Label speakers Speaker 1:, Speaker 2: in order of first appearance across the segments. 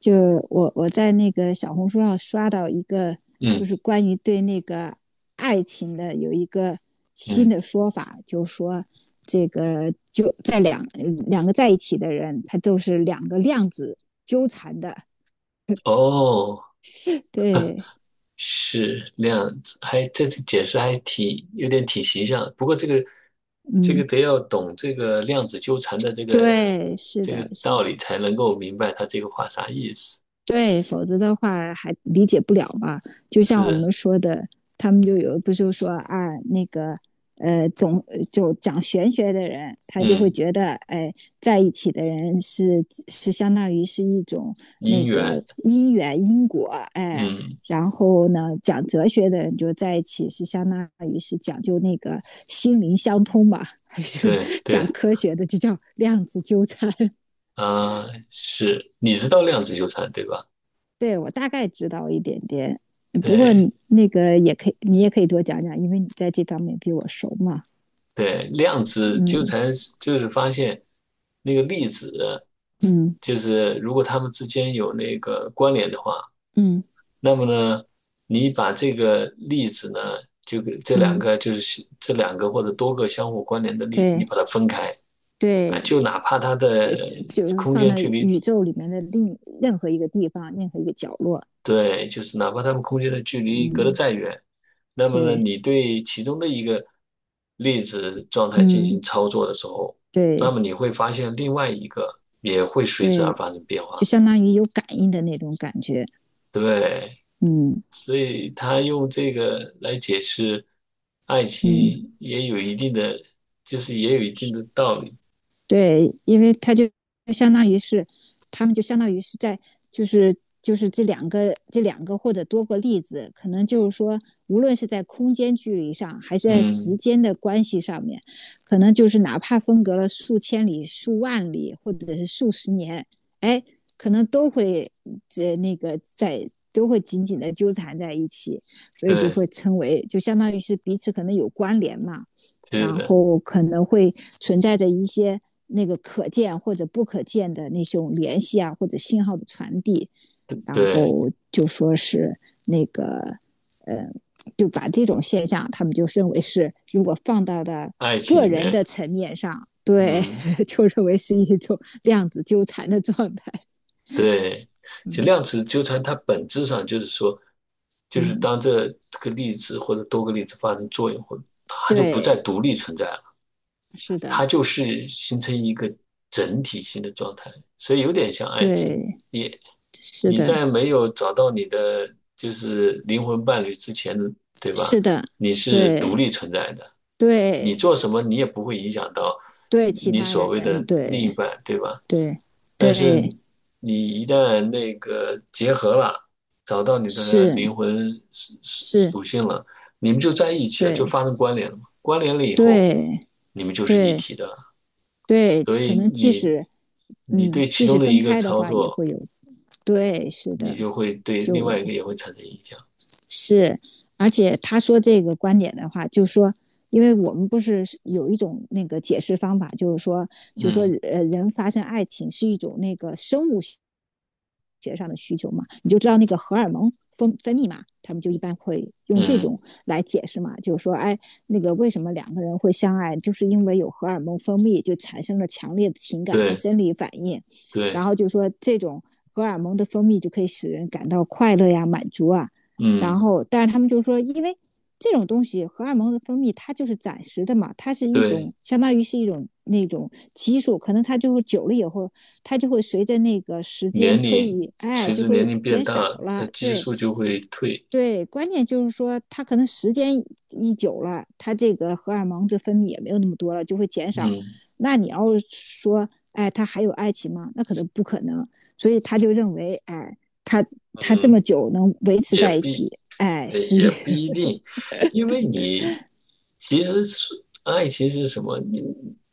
Speaker 1: 就我在那个小红书上刷到一个，就
Speaker 2: 嗯
Speaker 1: 是关于对那个爱情的有一个新
Speaker 2: 嗯，
Speaker 1: 的说法，就是说这个就在两个在一起的人，他都是两个量子纠缠的。
Speaker 2: 哦，
Speaker 1: 对，
Speaker 2: 是量子，还这次解释还挺有点挺形象的。不过这个
Speaker 1: 嗯，
Speaker 2: 得要懂这个量子纠缠的这个
Speaker 1: 对，是的，是的
Speaker 2: 道理，才能够明白他这个话啥意思。
Speaker 1: 对，否则的话还理解不了嘛。就像我们
Speaker 2: 是，
Speaker 1: 说的，他们就有不就说啊，那个总就讲玄学的人，他就会
Speaker 2: 嗯，
Speaker 1: 觉得，哎，在一起的人是相当于是一种那
Speaker 2: 因
Speaker 1: 个
Speaker 2: 缘，
Speaker 1: 因缘因果，哎。
Speaker 2: 嗯，
Speaker 1: 然后呢，讲哲学的人就在一起是相当于是讲究那个心灵相通嘛，还是
Speaker 2: 对
Speaker 1: 讲
Speaker 2: 对，
Speaker 1: 科学的就叫量子纠缠？
Speaker 2: 啊、是，你知道量子纠缠对吧？
Speaker 1: 对我大概知道一点点，不过
Speaker 2: 对
Speaker 1: 那个也可以，你也可以多讲讲，因为你在这方面比我熟嘛。
Speaker 2: 对，量子纠
Speaker 1: 嗯
Speaker 2: 缠就是发现那个粒子，
Speaker 1: 嗯
Speaker 2: 就是如果它们之间有那个关联的话。
Speaker 1: 嗯
Speaker 2: 那么呢，你把这个例子呢，就给这两
Speaker 1: 嗯，
Speaker 2: 个或者多个相互关联的例子，你
Speaker 1: 对
Speaker 2: 把它分开啊，
Speaker 1: 对，
Speaker 2: 就哪怕它的
Speaker 1: 就是
Speaker 2: 空
Speaker 1: 放
Speaker 2: 间
Speaker 1: 在
Speaker 2: 距离，
Speaker 1: 宇宙里面的另任何一个地方，任何一个角落。
Speaker 2: 对，就是哪怕它们空间的距离隔得
Speaker 1: 嗯，
Speaker 2: 再远，那么呢，
Speaker 1: 对，
Speaker 2: 你对其中的一个粒子状态进行
Speaker 1: 嗯
Speaker 2: 操作的时候，
Speaker 1: 对
Speaker 2: 那么你会发现另外一个也会随之而
Speaker 1: 对，
Speaker 2: 发生变
Speaker 1: 就
Speaker 2: 化，
Speaker 1: 相当于有感应的那种感觉。
Speaker 2: 对。
Speaker 1: 嗯
Speaker 2: 所以他用这个来解释爱
Speaker 1: 嗯
Speaker 2: 情，也有一定的，就是也有一定的道理。
Speaker 1: 对，因为他就相当于是，他们就相当于是在，就是就是这两个或者多个例子，可能就是说，无论是在空间距离上，还是在时
Speaker 2: 嗯，
Speaker 1: 间的关系上面，可能就是哪怕分隔了数千里、数万里，或者是数十年，哎，可能都会这那个在都会紧紧的纠缠在一起，所以就
Speaker 2: 对，
Speaker 1: 会称为，就相当于是彼此可能有关联嘛。
Speaker 2: 是
Speaker 1: 然
Speaker 2: 的，
Speaker 1: 后可能会存在着一些那个可见或者不可见的那种联系啊，或者信号的传递，然
Speaker 2: 对，
Speaker 1: 后就说是那个，呃，就把这种现象，他们就认为是如果放到的
Speaker 2: 爱情
Speaker 1: 个
Speaker 2: 里
Speaker 1: 人
Speaker 2: 面，
Speaker 1: 的层面上，对，
Speaker 2: 嗯，
Speaker 1: 就认为是一种量子纠缠的状态。
Speaker 2: 对，就
Speaker 1: 嗯
Speaker 2: 量子纠缠，它本质上就是说，就是
Speaker 1: 嗯，
Speaker 2: 当这个粒子或者多个粒子发生作用后，它就不
Speaker 1: 对，
Speaker 2: 再独立存在了。
Speaker 1: 是的，
Speaker 2: 它就是形成一个整体性的状态，所以有点像爱情。
Speaker 1: 对，
Speaker 2: 你
Speaker 1: 是
Speaker 2: 你
Speaker 1: 的，
Speaker 2: 在没有找到你的就是灵魂伴侣之前，对吧？
Speaker 1: 是的，
Speaker 2: 你是
Speaker 1: 对
Speaker 2: 独立存在的，你
Speaker 1: 对
Speaker 2: 做什么你也不会影响到
Speaker 1: 对，其
Speaker 2: 你
Speaker 1: 他
Speaker 2: 所
Speaker 1: 人
Speaker 2: 谓的另
Speaker 1: 对。
Speaker 2: 一半，对吧？
Speaker 1: 对
Speaker 2: 但
Speaker 1: 对
Speaker 2: 是你一旦那个结合了，找到你的
Speaker 1: 是
Speaker 2: 灵魂
Speaker 1: 是，
Speaker 2: 属性了，你们就在一起了，就
Speaker 1: 对
Speaker 2: 发生关联了嘛。关联了以后，
Speaker 1: 对
Speaker 2: 你们就是一
Speaker 1: 对
Speaker 2: 体的了。
Speaker 1: 对，
Speaker 2: 所
Speaker 1: 可
Speaker 2: 以
Speaker 1: 能即使
Speaker 2: 你
Speaker 1: 嗯，
Speaker 2: 对
Speaker 1: 即
Speaker 2: 其
Speaker 1: 使
Speaker 2: 中的
Speaker 1: 分
Speaker 2: 一个
Speaker 1: 开的
Speaker 2: 操
Speaker 1: 话，也
Speaker 2: 作，
Speaker 1: 会有对，是
Speaker 2: 你
Speaker 1: 的，
Speaker 2: 就会对另
Speaker 1: 就
Speaker 2: 外一个也会产生影响。
Speaker 1: 是，而且他说这个观点的话，就是说，因为我们不是有一种那个解释方法，就是说，
Speaker 2: 嗯
Speaker 1: 人发生爱情是一种那个生物学上的需求嘛，你就知道那个荷尔蒙分泌嘛，他们就一般会用这
Speaker 2: 嗯，
Speaker 1: 种来解释嘛，就是说，哎，那个为什么两个人会相爱，就是因为有荷尔蒙分泌，就产生了强烈的情感和
Speaker 2: 对
Speaker 1: 生理反应，然
Speaker 2: 对，
Speaker 1: 后就说这种。荷尔蒙的分泌就可以使人感到快乐呀、满足啊，然
Speaker 2: 嗯
Speaker 1: 后，但是他们就说，因为这种东西荷尔蒙的分泌，它就是暂时的嘛，它是一
Speaker 2: 对，
Speaker 1: 种相当于是一种那种激素，可能它就会久了以后，它就会随着那个时间
Speaker 2: 年
Speaker 1: 推
Speaker 2: 龄
Speaker 1: 移，哎，
Speaker 2: 随
Speaker 1: 就
Speaker 2: 着年
Speaker 1: 会
Speaker 2: 龄变
Speaker 1: 减
Speaker 2: 大，
Speaker 1: 少
Speaker 2: 它
Speaker 1: 了。
Speaker 2: 激
Speaker 1: 对，
Speaker 2: 素就会退。
Speaker 1: 对，关键就是说，他可能时间一久了，他这个荷尔蒙这分泌也没有那么多了，就会减少。
Speaker 2: 嗯
Speaker 1: 那你要说，哎，他还有爱情吗？那可能不可能。所以他就认为，哎，他他这么
Speaker 2: 嗯，
Speaker 1: 久能维持
Speaker 2: 也
Speaker 1: 在一
Speaker 2: 必
Speaker 1: 起，哎，是一，
Speaker 2: 也不一定，因为你其实是爱情是什么？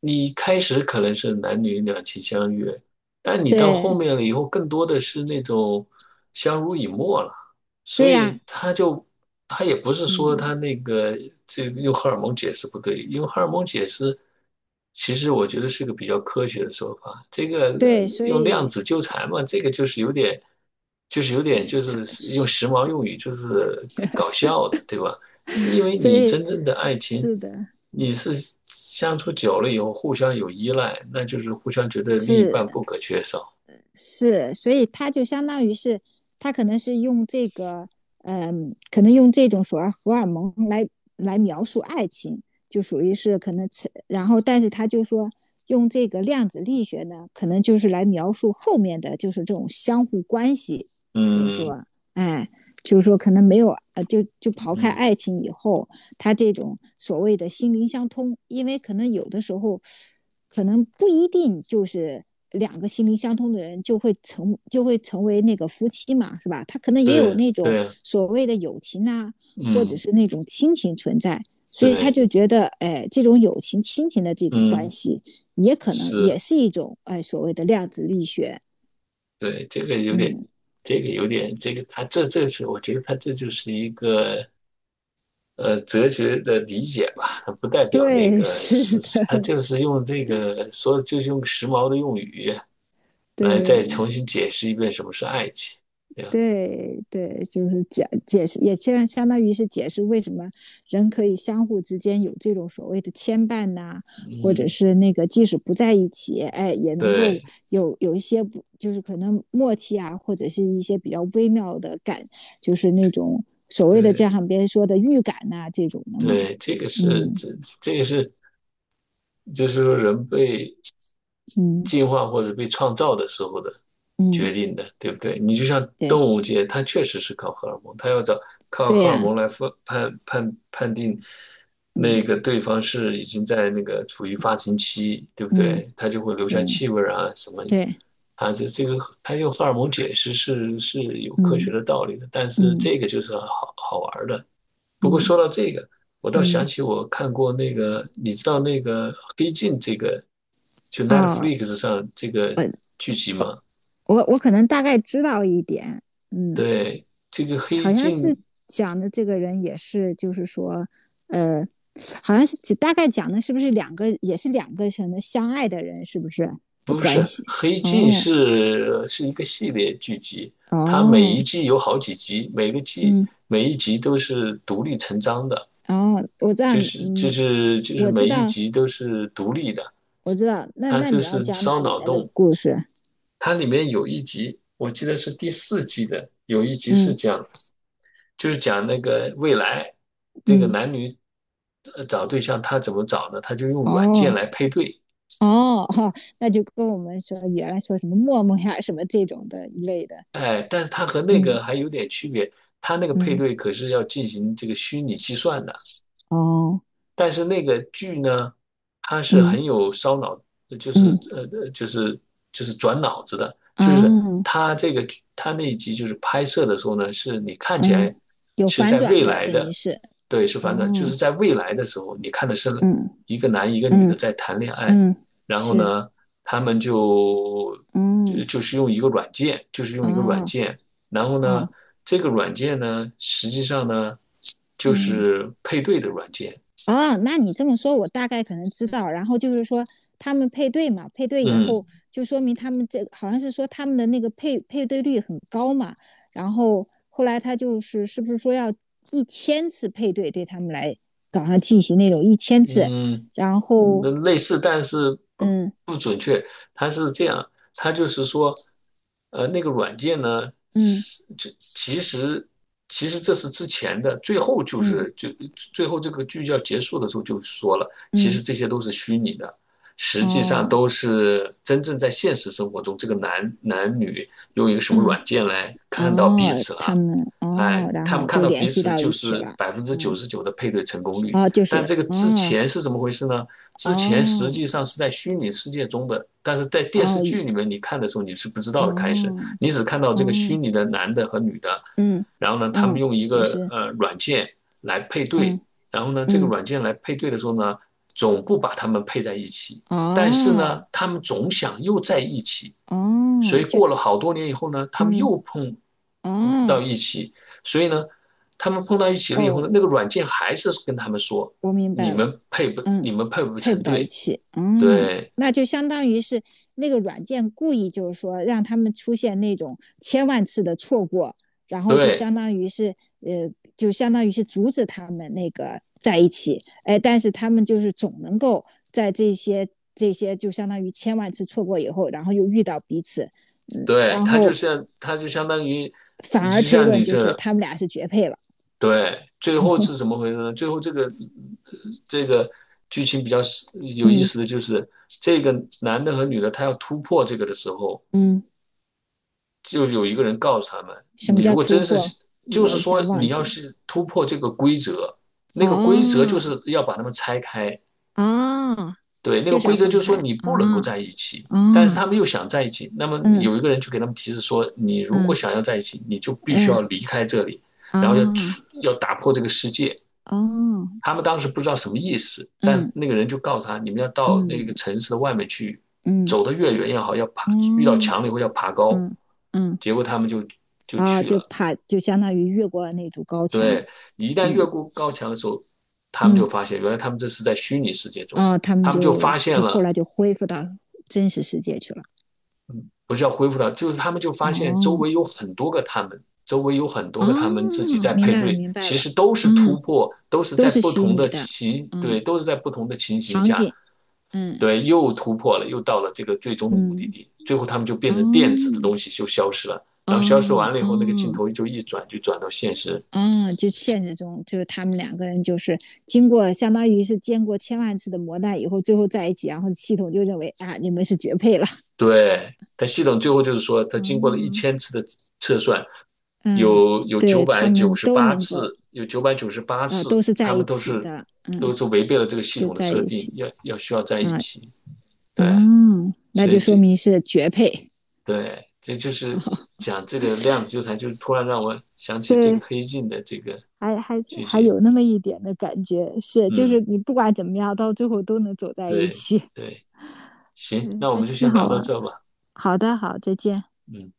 Speaker 2: 你开始可能是男女两情相悦，但 你到后
Speaker 1: 对
Speaker 2: 面了以后，更多的是那种相濡以沫了。所
Speaker 1: 对呀、
Speaker 2: 以他也不是说
Speaker 1: 嗯，
Speaker 2: 他那个这个用荷尔蒙解释不对，用荷尔蒙解释，其实我觉得是个比较科学的说法。这个
Speaker 1: 对，所
Speaker 2: 用量
Speaker 1: 以
Speaker 2: 子纠缠嘛，这个就是有点，
Speaker 1: 对
Speaker 2: 就
Speaker 1: 他，
Speaker 2: 是用时髦用语就是搞笑的，对吧？因为
Speaker 1: 所
Speaker 2: 你
Speaker 1: 以
Speaker 2: 真正的爱情，
Speaker 1: 是的，
Speaker 2: 你是相处久了以后互相有依赖，那就是互相觉得另一
Speaker 1: 是
Speaker 2: 半不可缺少。
Speaker 1: 是，所以他就相当于是，他可能是用这个，嗯，可能用这种所谓荷尔蒙来描述爱情，就属于是可能然后但是他就说用这个量子力学呢，可能就是来描述后面的就是这种相互关系，就是
Speaker 2: 嗯
Speaker 1: 说，哎，就是说可能没有，就刨开
Speaker 2: 嗯，
Speaker 1: 爱情以后，他这种所谓的心灵相通，因为可能有的时候。可能不一定就是两个心灵相通的人就会成为那个夫妻嘛，是吧？他可能也有
Speaker 2: 对
Speaker 1: 那种
Speaker 2: 对，
Speaker 1: 所谓的友情呐、或者
Speaker 2: 嗯
Speaker 1: 是那种亲情存在，所以他
Speaker 2: 对。
Speaker 1: 就觉得，哎，这种友情、亲情的这种关
Speaker 2: 嗯，
Speaker 1: 系，也可能也
Speaker 2: 是，
Speaker 1: 是一种哎所谓的量子力学。
Speaker 2: 对，这个有点，
Speaker 1: 嗯，
Speaker 2: 这个他这是，我觉得他这就是一个哲学的理解吧，它不代 表那
Speaker 1: 对，
Speaker 2: 个
Speaker 1: 是的，
Speaker 2: 是，他就是用这个说，就是用时髦的用语来再重
Speaker 1: 对。
Speaker 2: 新解释一遍什么是爱情，对吧？
Speaker 1: 对对，就是解释，也相当于是解释为什么人可以相互之间有这种所谓的牵绊呐、啊或者
Speaker 2: 嗯，
Speaker 1: 是那个即使不在一起，哎，也能够
Speaker 2: 对
Speaker 1: 有一些不就是可能默契啊，或者是一些比较微妙的感，就是那种所谓的就
Speaker 2: 对
Speaker 1: 像别人说的预感呐、啊这种的嘛。
Speaker 2: 对，这个是
Speaker 1: 嗯
Speaker 2: 这个是，就是说人被
Speaker 1: 嗯
Speaker 2: 进化或者被创造的时候的
Speaker 1: 嗯，
Speaker 2: 决定的，对不对？你就像动
Speaker 1: 对
Speaker 2: 物界，它确实是靠荷尔蒙，它要找靠
Speaker 1: 对
Speaker 2: 荷尔
Speaker 1: 呀、
Speaker 2: 蒙来分判定
Speaker 1: 嗯
Speaker 2: 那个对方是已经在那个处于发情期，对不
Speaker 1: 嗯
Speaker 2: 对？它就会留下
Speaker 1: 对
Speaker 2: 气味啊什么
Speaker 1: 对
Speaker 2: 啊，这个它用荷尔蒙解释是有科学
Speaker 1: 嗯
Speaker 2: 的道理的，但是
Speaker 1: 嗯
Speaker 2: 这个就是好好玩儿的，不过
Speaker 1: 嗯
Speaker 2: 说到这个，我倒想
Speaker 1: 嗯
Speaker 2: 起我看过那个，你知道那个《黑镜》这个，就
Speaker 1: 哦，
Speaker 2: Netflix 上这个
Speaker 1: 我
Speaker 2: 剧集吗？
Speaker 1: 我可能大概知道一点，嗯，
Speaker 2: 对，这个《黑
Speaker 1: 好像
Speaker 2: 镜》
Speaker 1: 是讲的这个人也是，就是说，呃，好像是大概讲的是不是两个，也是两个什么相爱的人，是不是的
Speaker 2: 不是
Speaker 1: 关系？
Speaker 2: 《黑镜》
Speaker 1: 哦
Speaker 2: 是一个系列剧集，它每
Speaker 1: 哦，
Speaker 2: 一季有好几集，每个季
Speaker 1: 嗯，
Speaker 2: 每一集都是独立成章的，
Speaker 1: 哦，我知道，嗯，
Speaker 2: 就是
Speaker 1: 我知
Speaker 2: 每一
Speaker 1: 道，
Speaker 2: 集都是独立的，
Speaker 1: 我知道。那
Speaker 2: 它
Speaker 1: 那
Speaker 2: 就
Speaker 1: 你要
Speaker 2: 是
Speaker 1: 讲哪
Speaker 2: 烧
Speaker 1: 里
Speaker 2: 脑
Speaker 1: 面的
Speaker 2: 洞。
Speaker 1: 故事？
Speaker 2: 它里面有一集，我记得是第四季的，有一集
Speaker 1: 嗯
Speaker 2: 是讲。就是讲那个未来这个
Speaker 1: 嗯，
Speaker 2: 男女找对象，他怎么找呢？他就用软件
Speaker 1: 哦
Speaker 2: 来配对，
Speaker 1: 哦，哈，那就跟我们说原来说什么陌陌呀什么这种的一类的，
Speaker 2: 哎，但是他和那
Speaker 1: 嗯
Speaker 2: 个还有点区别，他那个配
Speaker 1: 嗯，
Speaker 2: 对可是要进行这个虚拟计算的。
Speaker 1: 哦
Speaker 2: 但是那个剧呢，它是
Speaker 1: 嗯。
Speaker 2: 很有烧脑，就是
Speaker 1: 嗯，
Speaker 2: 就是转脑子的，就是
Speaker 1: 哦，
Speaker 2: 它这个它那一集就是拍摄的时候呢，是你看起
Speaker 1: 嗯，
Speaker 2: 来
Speaker 1: 有
Speaker 2: 是
Speaker 1: 反
Speaker 2: 在
Speaker 1: 转
Speaker 2: 未
Speaker 1: 的，
Speaker 2: 来
Speaker 1: 等于
Speaker 2: 的，
Speaker 1: 是，
Speaker 2: 对，是反转，就
Speaker 1: 哦，
Speaker 2: 是在未来的时候，你看的是
Speaker 1: 嗯
Speaker 2: 一个男一个女的
Speaker 1: 嗯
Speaker 2: 在谈恋爱，
Speaker 1: 嗯，
Speaker 2: 然后
Speaker 1: 是，
Speaker 2: 呢，他们
Speaker 1: 嗯，
Speaker 2: 就是用一个软件，就是用一个软
Speaker 1: 哦，
Speaker 2: 件。然后呢，
Speaker 1: 哦，
Speaker 2: 这个软件呢，实际上呢，就
Speaker 1: 嗯，
Speaker 2: 是配对的软件，
Speaker 1: 哦，那你这么说，我大概可能知道。然后就是说，他们配对嘛，配对以
Speaker 2: 嗯
Speaker 1: 后就说明他们这好像是说他们的那个配对率很高嘛。然后后来他就是是不是说要一千次配对，对他们来搞上进行那种一千次，
Speaker 2: 嗯，
Speaker 1: 然后
Speaker 2: 嗯类似，但是
Speaker 1: 嗯
Speaker 2: 不准确。它是这样，它就是说，呃，那个软件呢，
Speaker 1: 嗯
Speaker 2: 是这其实这是之前的，最后就
Speaker 1: 嗯嗯
Speaker 2: 是就最后这个剧要结束的时候就说了，其
Speaker 1: 嗯
Speaker 2: 实这些都是虚拟的，实际上
Speaker 1: 哦
Speaker 2: 都是真正在现实生活中，这个男女用一个什么
Speaker 1: 嗯，
Speaker 2: 软件来看到彼
Speaker 1: 哦，
Speaker 2: 此
Speaker 1: 他
Speaker 2: 了。
Speaker 1: 们哦，
Speaker 2: 哎，
Speaker 1: 然
Speaker 2: 他们
Speaker 1: 后
Speaker 2: 看
Speaker 1: 就
Speaker 2: 到
Speaker 1: 联
Speaker 2: 彼
Speaker 1: 系
Speaker 2: 此
Speaker 1: 到
Speaker 2: 就
Speaker 1: 一起
Speaker 2: 是
Speaker 1: 了。
Speaker 2: 百分之九
Speaker 1: 嗯，
Speaker 2: 十九的配对成功率，
Speaker 1: 哦，就
Speaker 2: 但
Speaker 1: 是
Speaker 2: 这个之
Speaker 1: 哦
Speaker 2: 前是怎么回事呢？之前实
Speaker 1: 哦
Speaker 2: 际上是在虚拟世界中的，但是在电视
Speaker 1: 哦
Speaker 2: 剧里面你看的时候你是不知道的。开始
Speaker 1: 哦
Speaker 2: 你只看到这个虚
Speaker 1: 哦，
Speaker 2: 拟的男的和女的，
Speaker 1: 嗯
Speaker 2: 然后呢，他们
Speaker 1: 嗯，
Speaker 2: 用一
Speaker 1: 就
Speaker 2: 个
Speaker 1: 是
Speaker 2: 软件来配
Speaker 1: 嗯
Speaker 2: 对，然后呢，这个
Speaker 1: 嗯
Speaker 2: 软件来配对的时候呢，总不把他们配在一起，但是呢，
Speaker 1: 哦
Speaker 2: 他们总想又在一起，所
Speaker 1: 哦，
Speaker 2: 以
Speaker 1: 就
Speaker 2: 过了好多年以后呢，他们
Speaker 1: 嗯
Speaker 2: 又碰到
Speaker 1: 哦
Speaker 2: 一起，所以呢，他们碰到一起了以后
Speaker 1: 哦，
Speaker 2: 呢，那个软件还是跟他们说，
Speaker 1: 我明白了。嗯，
Speaker 2: 你们配不
Speaker 1: 配不
Speaker 2: 成
Speaker 1: 到一
Speaker 2: 对，
Speaker 1: 起，嗯，
Speaker 2: 对
Speaker 1: 那就相当于是那个软件故意就是说让他们出现那种千万次的错过，然后就
Speaker 2: 对
Speaker 1: 相当于是呃，就相当于是阻止他们那个在一起，哎，但是他们就是总能够在这些就相当于千万次错过以后，然后又遇到彼此，嗯，
Speaker 2: 对，
Speaker 1: 然
Speaker 2: 他就
Speaker 1: 后
Speaker 2: 像他就相当于，
Speaker 1: 反
Speaker 2: 就
Speaker 1: 而推
Speaker 2: 像
Speaker 1: 论
Speaker 2: 你
Speaker 1: 就是
Speaker 2: 这，
Speaker 1: 他们俩是绝配了，
Speaker 2: 对，最后是怎么回事呢？最后这个这个剧情比较有意
Speaker 1: 嗯
Speaker 2: 思的就是，这个男的和女的他要突破这个的时候，
Speaker 1: 嗯，
Speaker 2: 就有一个人告诉他们，
Speaker 1: 什么
Speaker 2: 你
Speaker 1: 叫
Speaker 2: 如果
Speaker 1: 突
Speaker 2: 真
Speaker 1: 破？
Speaker 2: 是，就
Speaker 1: 我
Speaker 2: 是
Speaker 1: 一下
Speaker 2: 说
Speaker 1: 忘
Speaker 2: 你
Speaker 1: 记
Speaker 2: 要
Speaker 1: 了。
Speaker 2: 是突破这个规则，那个规则就
Speaker 1: 哦
Speaker 2: 是要把他们拆开，
Speaker 1: 哦，
Speaker 2: 对，那个
Speaker 1: 就是要
Speaker 2: 规则
Speaker 1: 分
Speaker 2: 就是
Speaker 1: 开
Speaker 2: 说你不能
Speaker 1: 啊，
Speaker 2: 够
Speaker 1: 啊，
Speaker 2: 在一起，但是
Speaker 1: 嗯
Speaker 2: 他们又想在一起，那么有
Speaker 1: 嗯
Speaker 2: 一个人就给他们提示说，你如果
Speaker 1: 嗯
Speaker 2: 想要在一起，你就必须要离开这里，然后
Speaker 1: 啊，
Speaker 2: 要打破这个世界。
Speaker 1: 哦哦，
Speaker 2: 他们当时不知道什么意思，但
Speaker 1: 嗯
Speaker 2: 那个人就告诉他，你们要到那个
Speaker 1: 嗯
Speaker 2: 城市的外面去，
Speaker 1: 嗯
Speaker 2: 走得越远越好，要爬，遇到
Speaker 1: 嗯
Speaker 2: 墙了以后要爬高。
Speaker 1: 嗯嗯
Speaker 2: 结果他们就
Speaker 1: 啊，
Speaker 2: 去
Speaker 1: 就
Speaker 2: 了。
Speaker 1: 怕就相当于越过了那堵高墙，
Speaker 2: 对，一旦越
Speaker 1: 嗯
Speaker 2: 过高墙的时候，他们就
Speaker 1: 嗯，
Speaker 2: 发现，原来他们这是在虚拟世界中，
Speaker 1: 啊，他们
Speaker 2: 他们就
Speaker 1: 就
Speaker 2: 发现
Speaker 1: 就后
Speaker 2: 了，
Speaker 1: 来就恢复到真实世界去了。
Speaker 2: 不是要恢复到，就是他们就发现周
Speaker 1: 哦，
Speaker 2: 围有很多个他们，周围有很多
Speaker 1: 哦
Speaker 2: 个他们自己在
Speaker 1: 明
Speaker 2: 配
Speaker 1: 白了
Speaker 2: 对，
Speaker 1: 明白
Speaker 2: 其
Speaker 1: 了，
Speaker 2: 实都是突
Speaker 1: 嗯，
Speaker 2: 破，都是
Speaker 1: 都
Speaker 2: 在
Speaker 1: 是
Speaker 2: 不
Speaker 1: 虚
Speaker 2: 同
Speaker 1: 拟
Speaker 2: 的
Speaker 1: 的，
Speaker 2: 情，
Speaker 1: 嗯，
Speaker 2: 对，都是在不同的情形
Speaker 1: 场
Speaker 2: 下，
Speaker 1: 景，嗯
Speaker 2: 对，又突破了，又到了这个最终的目的
Speaker 1: 嗯，
Speaker 2: 地，最后他们就变成电子的
Speaker 1: 哦
Speaker 2: 东西就消失了，然后消失
Speaker 1: 哦
Speaker 2: 完了以后，那个镜
Speaker 1: 哦。
Speaker 2: 头就一转，就转到现实。
Speaker 1: 嗯，就现实中，就是他们两个人就是经过相当于是经过千万次的磨难以后，最后在一起，然后系统就认为啊，你们是绝配了。
Speaker 2: 对，它系统最后就是说，它经过了一
Speaker 1: 嗯
Speaker 2: 千次的测算，
Speaker 1: 嗯，
Speaker 2: 有
Speaker 1: 对
Speaker 2: 九
Speaker 1: 他
Speaker 2: 百九
Speaker 1: 们
Speaker 2: 十
Speaker 1: 都
Speaker 2: 八
Speaker 1: 能够
Speaker 2: 次，
Speaker 1: 啊、都是在
Speaker 2: 他
Speaker 1: 一
Speaker 2: 们
Speaker 1: 起的，嗯，
Speaker 2: 都是违背了这个系
Speaker 1: 就
Speaker 2: 统的
Speaker 1: 在
Speaker 2: 设
Speaker 1: 一
Speaker 2: 定，
Speaker 1: 起
Speaker 2: 要需要在一
Speaker 1: 啊，
Speaker 2: 起。对，
Speaker 1: 嗯，那
Speaker 2: 所
Speaker 1: 就
Speaker 2: 以
Speaker 1: 说
Speaker 2: 这，
Speaker 1: 明是绝配。
Speaker 2: 对，这就 是
Speaker 1: 啊，
Speaker 2: 讲这个量子纠缠，就是突然让我想起这
Speaker 1: 对，
Speaker 2: 个黑镜的这个
Speaker 1: 还还
Speaker 2: 剧
Speaker 1: 还
Speaker 2: 集。
Speaker 1: 有那么一点的感觉，是就是
Speaker 2: 嗯，
Speaker 1: 你不管怎么样，到最后都能走在一
Speaker 2: 对
Speaker 1: 起，
Speaker 2: 对，行，
Speaker 1: 对，
Speaker 2: 那我
Speaker 1: 还
Speaker 2: 们就
Speaker 1: 挺
Speaker 2: 先
Speaker 1: 好
Speaker 2: 聊到
Speaker 1: 玩
Speaker 2: 这吧。
Speaker 1: 好的，好，再见。
Speaker 2: 嗯。